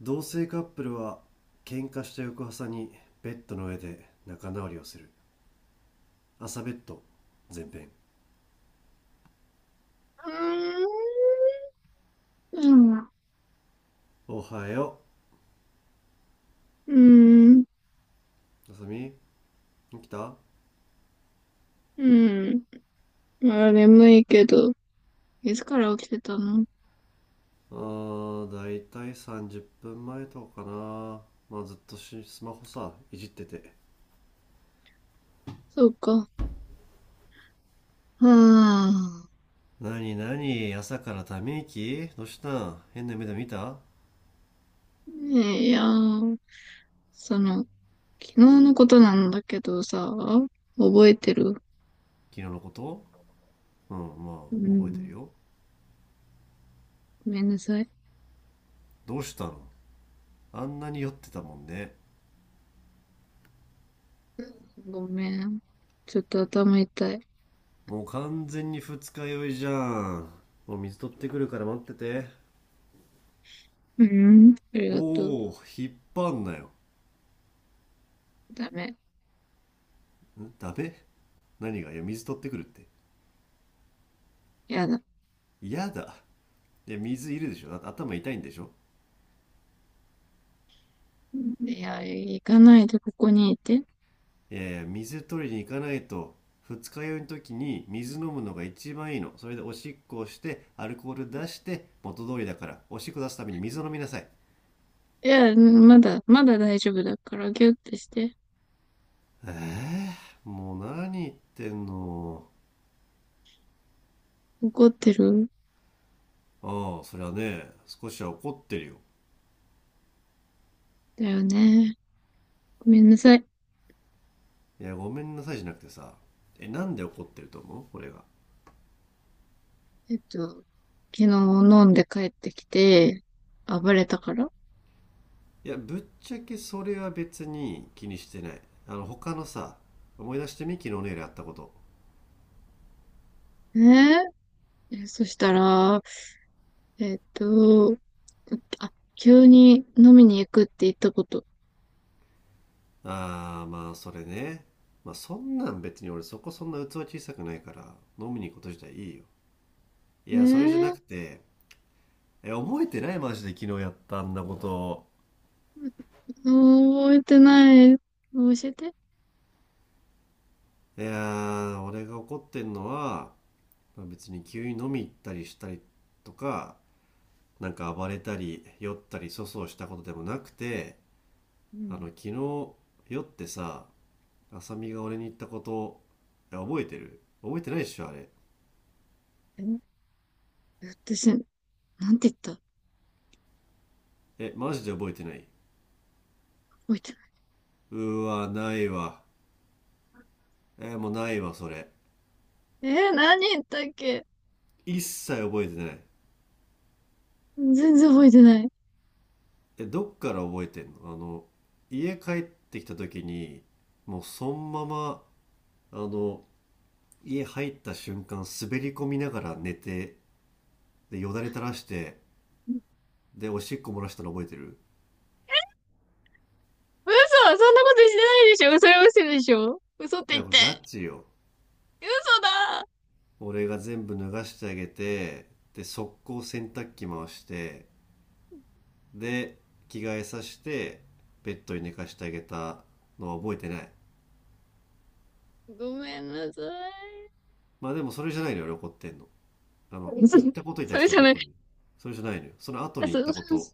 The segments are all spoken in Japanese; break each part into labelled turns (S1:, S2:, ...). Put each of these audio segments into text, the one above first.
S1: 同性カップルは喧嘩した翌朝にベッドの上で仲直りをする朝ベッド前編。
S2: うーん。うん。
S1: おはよ
S2: うん。
S1: う、あさみ、起きた？
S2: うあ、眠いけど、いつから起きてたの？
S1: だいたい30分前とかかな。まあずっとスマホいじってて。
S2: そうか。はあ。
S1: なになに、朝からため息どうしたん？変な目で見た？
S2: ねえ、いやー、その、昨日のことなんだけどさ、覚えてる？
S1: 昨日のこと？うん、ま
S2: う
S1: あ覚えてる
S2: ん。
S1: よ。
S2: ごめんなさい。
S1: どうしたの？あんなに酔ってたもんね。
S2: ごめん。ちょっと頭痛い。
S1: もう完全に二日酔いじゃん。もう水取ってくるから待ってて。
S2: うん。あり
S1: お
S2: がとう。
S1: お、引っ張んなよ。
S2: ダメ。
S1: んダメ？何がいや、水取ってくるって。
S2: やだ。
S1: 嫌だ。いや、水いるでしょ、だって頭痛いんでしょ？
S2: いや、行かないでここにいて。
S1: いやいや、水取りに行かないと、二日酔いの時に水飲むのが一番いいの。それでおしっこをして、アルコール出して、元通りだから、おしっこ出すために水を飲みなさい。
S2: いや、まだ大丈夫だから、ギュッてして。
S1: ええー、もう何言ってんの。
S2: 怒ってるん
S1: ああ、そりゃね、少しは怒ってるよ。
S2: だよね？ごめんなさい。
S1: いや、ごめんなさいじゃなくてさ、なんで怒ってると思う、俺が？
S2: 昨日飲んで帰ってきて、暴れたから。
S1: いや、ぶっちゃけそれは別に気にしてない。他のさ、思い出してみ、昨日の夜やったこと。
S2: ね、ええ、そしたら、えっと、あ、急に飲みに行くって言ったこと。
S1: あー、まあそれね。まあそんなん別に俺そこそんな器小さくないから、飲みに行くこと自体いいよ。いや、それじゃなく
S2: ええ、
S1: て。え、覚えてない？マジで昨日やったあんなこと。
S2: もう覚えてない。教えて。
S1: いやー、俺が怒ってんのは、まあ別に急に飲み行ったりしたりとか、なんか暴れたり酔ったり粗相したことでもなくて、
S2: うん。
S1: 昨日酔ってさ、浅見が俺に言ったこと。いや、覚えてる？覚えてないっしょあれ。
S2: え、私、なんて言った？
S1: えマジで覚えてない？
S2: 覚えてない。
S1: うわないわ。えもうないわそれ。
S2: えー、何言ったっけ？
S1: 一切覚えてない？
S2: 全然覚えてない。
S1: え、どっから覚えてんの？家帰ってきた時に、もうそのまま、あの家入った瞬間滑り込みながら寝て、でよだれ垂らして、でおしっこ漏らしたの覚えてる？
S2: 嘘。そんなことしてないでしょ。嘘、嘘でしょ。嘘って
S1: や
S2: 言っ
S1: っぱ
S2: て。
S1: ガチよ。
S2: 嘘だ。
S1: 俺が全部脱がしてあげて、で、速攻洗濯機回して、で、着替えさせて、ベッドに寝かしてあげたのは覚えてない。
S2: ごめんなさい。
S1: まあでもそれじゃないのよ、俺怒ってんの。あの、
S2: そ
S1: 言ったことに
S2: そ
S1: 対し
S2: れ
S1: て
S2: じゃ
S1: 怒っ
S2: ない。
S1: てんの。それじゃないのよ。その後
S2: あ、
S1: に言ったこと。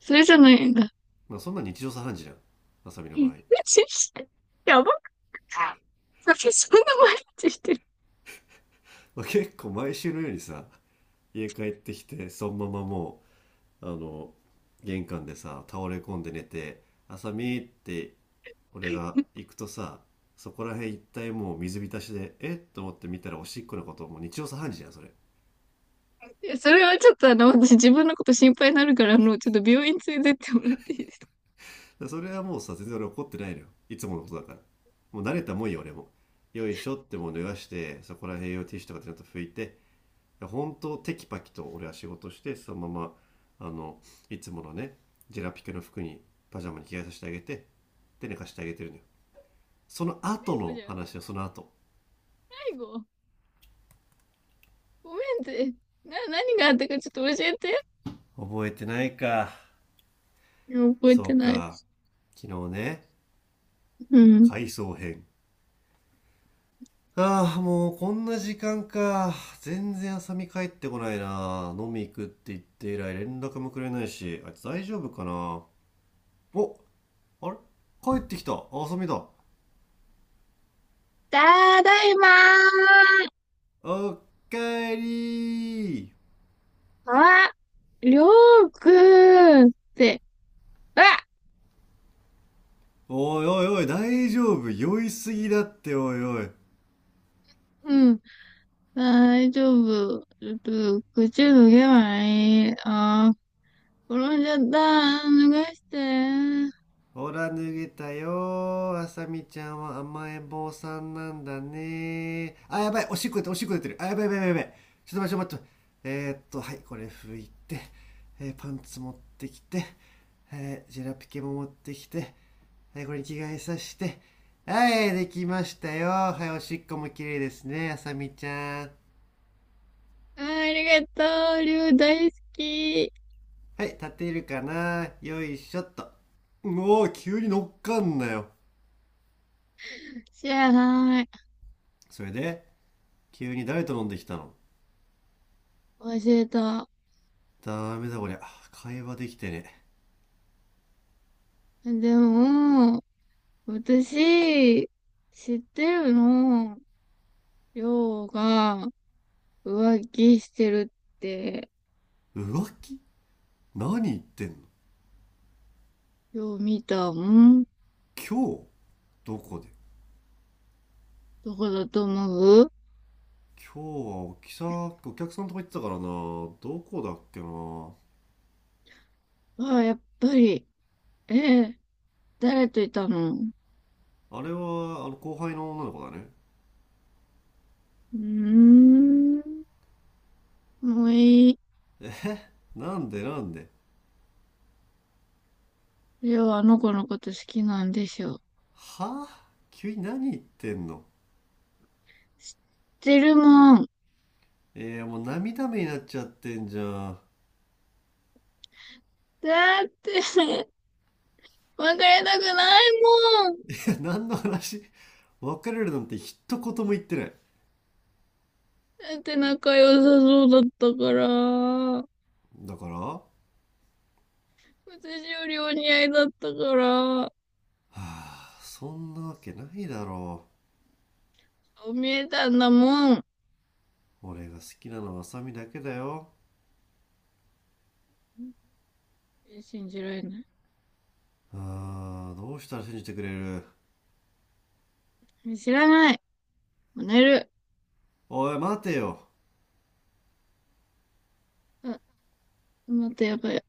S2: それじゃないんだ。
S1: まあそんな日常茶飯事じゃん。あさみの場合。
S2: やばくない？そんな毎日してる？
S1: まあ、結構毎週のようにさ、家帰ってきて、そのままもう、あの、玄関でさ、倒れ込んで寝て、あさみって俺が行くとさ、そこら辺一帯もう水浸しで、えっと思って見たらおしっこのこと、もう日常茶飯事じゃんそれ。
S2: いや、それはちょっと私自分のこと心配になるから、ちょっと病院連れてってもらっていいですか？
S1: それはもうさ、全然俺怒ってないのよ、いつものことだから。もう慣れたもんよ俺も。よいしょっ
S2: 最
S1: て、もう脱がしてそこら辺用ティッシュとかでちゃんと拭いて、本当テキパキと俺は仕事して、そのままあのいつものね、ジェラピケの服に、パジャマに着替えさせてあげて、で寝かしてあげてるのよ。その後
S2: 後
S1: の
S2: じゃん。
S1: 話はその後。
S2: 最後ごめんって。何があったかちょっと教えて。
S1: 覚えてないか。
S2: いや、覚え
S1: そ
S2: て
S1: う
S2: ない。
S1: か。昨日ね。
S2: うん。
S1: 回想編。ああ、もうこんな時間か。全然浅見帰ってこないな。飲み行くって言って以来連絡もくれないし、あいつ大丈夫かな。お、あれ、帰ってきた。あ浅みだ。
S2: ただいまー。
S1: おかえりー。
S2: あ、りょうくんって。あ、
S1: おいおいおい、大丈夫？酔いすぎだって、おいおい。
S2: うん。大丈夫。ちょっと、口脱げないい。ああ、転んじゃった。脱がして。
S1: ほら脱げたよ。あさみちゃんは甘えん坊さんなんだね。あやばい、おしっこ出てる、おしっこ出てる、あやばいやばいやばいやばい。ちょっと待って、ちょっと待って。はいこれ拭いて、パンツ持ってきて、ジェラピケも持ってきて、はい、これに着替えさせて、はいできましたよ。はいおしっこも綺麗ですねあさみちゃん。
S2: あー、ありがとう。りゅう大好き。
S1: はい立てるかな、よいしょっと。もうおー、急に乗っかんなよ。
S2: 知らない。
S1: それで急に誰と飲んできたの？
S2: 忘れた。
S1: ダメだこりゃ。会話できてね
S2: でも、私、知ってるの。りょうが浮気してるって、
S1: え。浮気？何言ってんの？
S2: よう見たもん。
S1: 今日どこで？
S2: どこだと思う？
S1: 今日はおきさ、お客さんとか行ってたからな。どこだっけな。
S2: ああー、やっぱり。ええ、誰といたの？う
S1: あれは、あの後輩の女の子だね。
S2: ーん。もういい。
S1: え、なんでなんで？
S2: りょう、あの子のこと好きなんでしょ？
S1: はぁ、急に何言ってんの。
S2: 知ってるもん。
S1: えー、もう涙目になっちゃってんじゃん。
S2: だって、別れたくないもん。
S1: いや、何の話？別れるなんて一言も言ってない。
S2: だって仲良さそうだったから。
S1: だからは
S2: 私よりお似合いだったから。
S1: ぁ、そんなわけないだろう。
S2: そう見えたんだもん。
S1: 俺が好きなのは麻美だけだよ。
S2: 信じられな
S1: あー、どうしたら信じてくれる？
S2: い。知らない。もう寝る。
S1: おい、待てよ。
S2: あ、待って、やばい。あ、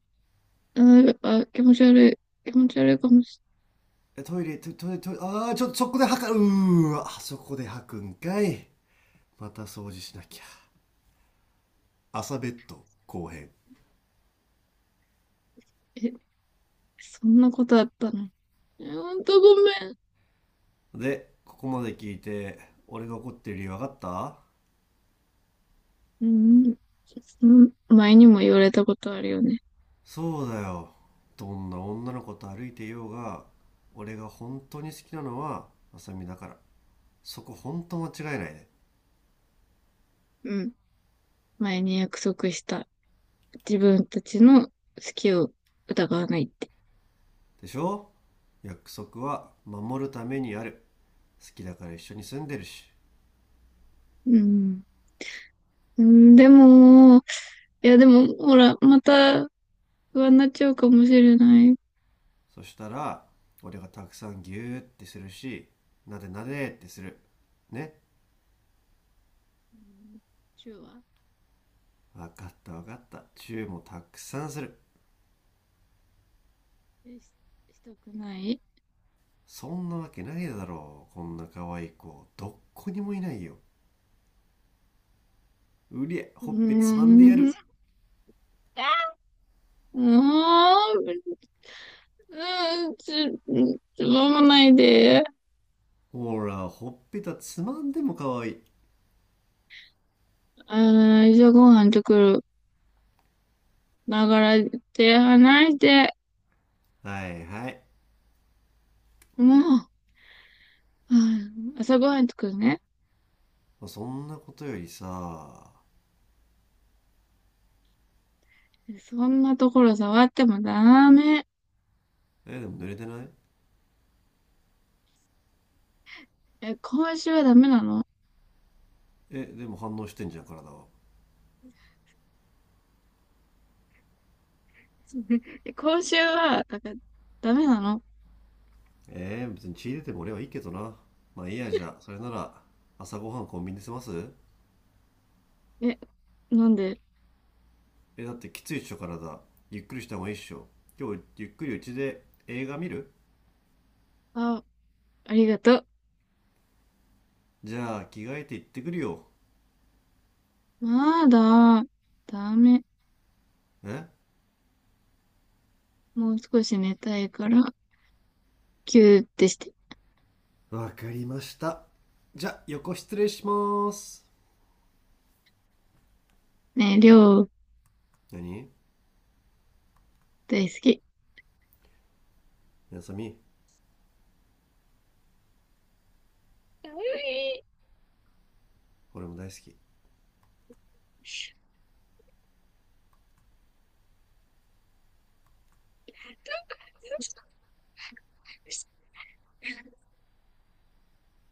S2: あ、気持ち悪い。気持ち悪いかもし
S1: え、トイレ、トイレトイレ、トイレ、あー、ちょっとそこで吐か、うーわ、あそこで吐くんかい。また掃除しなきゃ。朝ベッド後編。
S2: れない。え、そんなことあったの？え、ほんとごめん。
S1: で、ここまで聞いて、俺が怒ってる理由分かった？
S2: うん。うん。前にも言われたことあるよね。
S1: そうだよ。どんな女の子と歩いていようが、俺が本当に好きなのは、麻美だから。そこ本当間違いないね。
S2: うん。前に約束した。自分たちの好きを疑わないって。
S1: ででしょ。約束は守るためにある。好きだから一緒に住んでるし。
S2: うん。うん、でも、いやでも、ほら、また不安になっちゃうかもしれない。うん。
S1: そしたら俺がたくさんギューってするし、なでなでってするね。
S2: チューは？
S1: わかったわかった、チューもたくさんする。
S2: え、したくない。
S1: そんなわけないだろう、こんな可愛い子どっこにもいないよ。うりゃ、
S2: うー
S1: ほっぺつまんでや
S2: ん。
S1: る。
S2: もう、うん、ちょ飲まないで。
S1: ほら、ほっぺたつまんでも可愛い。
S2: あー、じゃあご飯作る。ながら手離して。
S1: はいはい。
S2: もう、うん、朝ごはん作るね。
S1: そんなことよりさ、
S2: そんなところ触ってもダメ。
S1: えでも濡れてない？
S2: え、今週はダメなの？
S1: えでも反応してんじゃん体は。
S2: え、今週は、だからダメなの。
S1: えー、別に血出ても俺はいいけどな。まあいいやじゃあ、それなら朝ごはんコンビニで済ます。
S2: え、なんで？
S1: え、だってきついっしょ体。ゆっくりした方がいいっしょ。今日ゆっくりうちで映画見る？
S2: あ、ありがとう。
S1: じゃあ着替えて行ってくるよ。
S2: まだ、ダメ。
S1: え
S2: もう少し寝たいから、キューってして。
S1: わかりました。じゃあ横失礼しまーす。
S2: ね、量りょう、
S1: 何、
S2: 大好き。
S1: やさみ、
S2: かわい
S1: 俺も大好き。
S2: い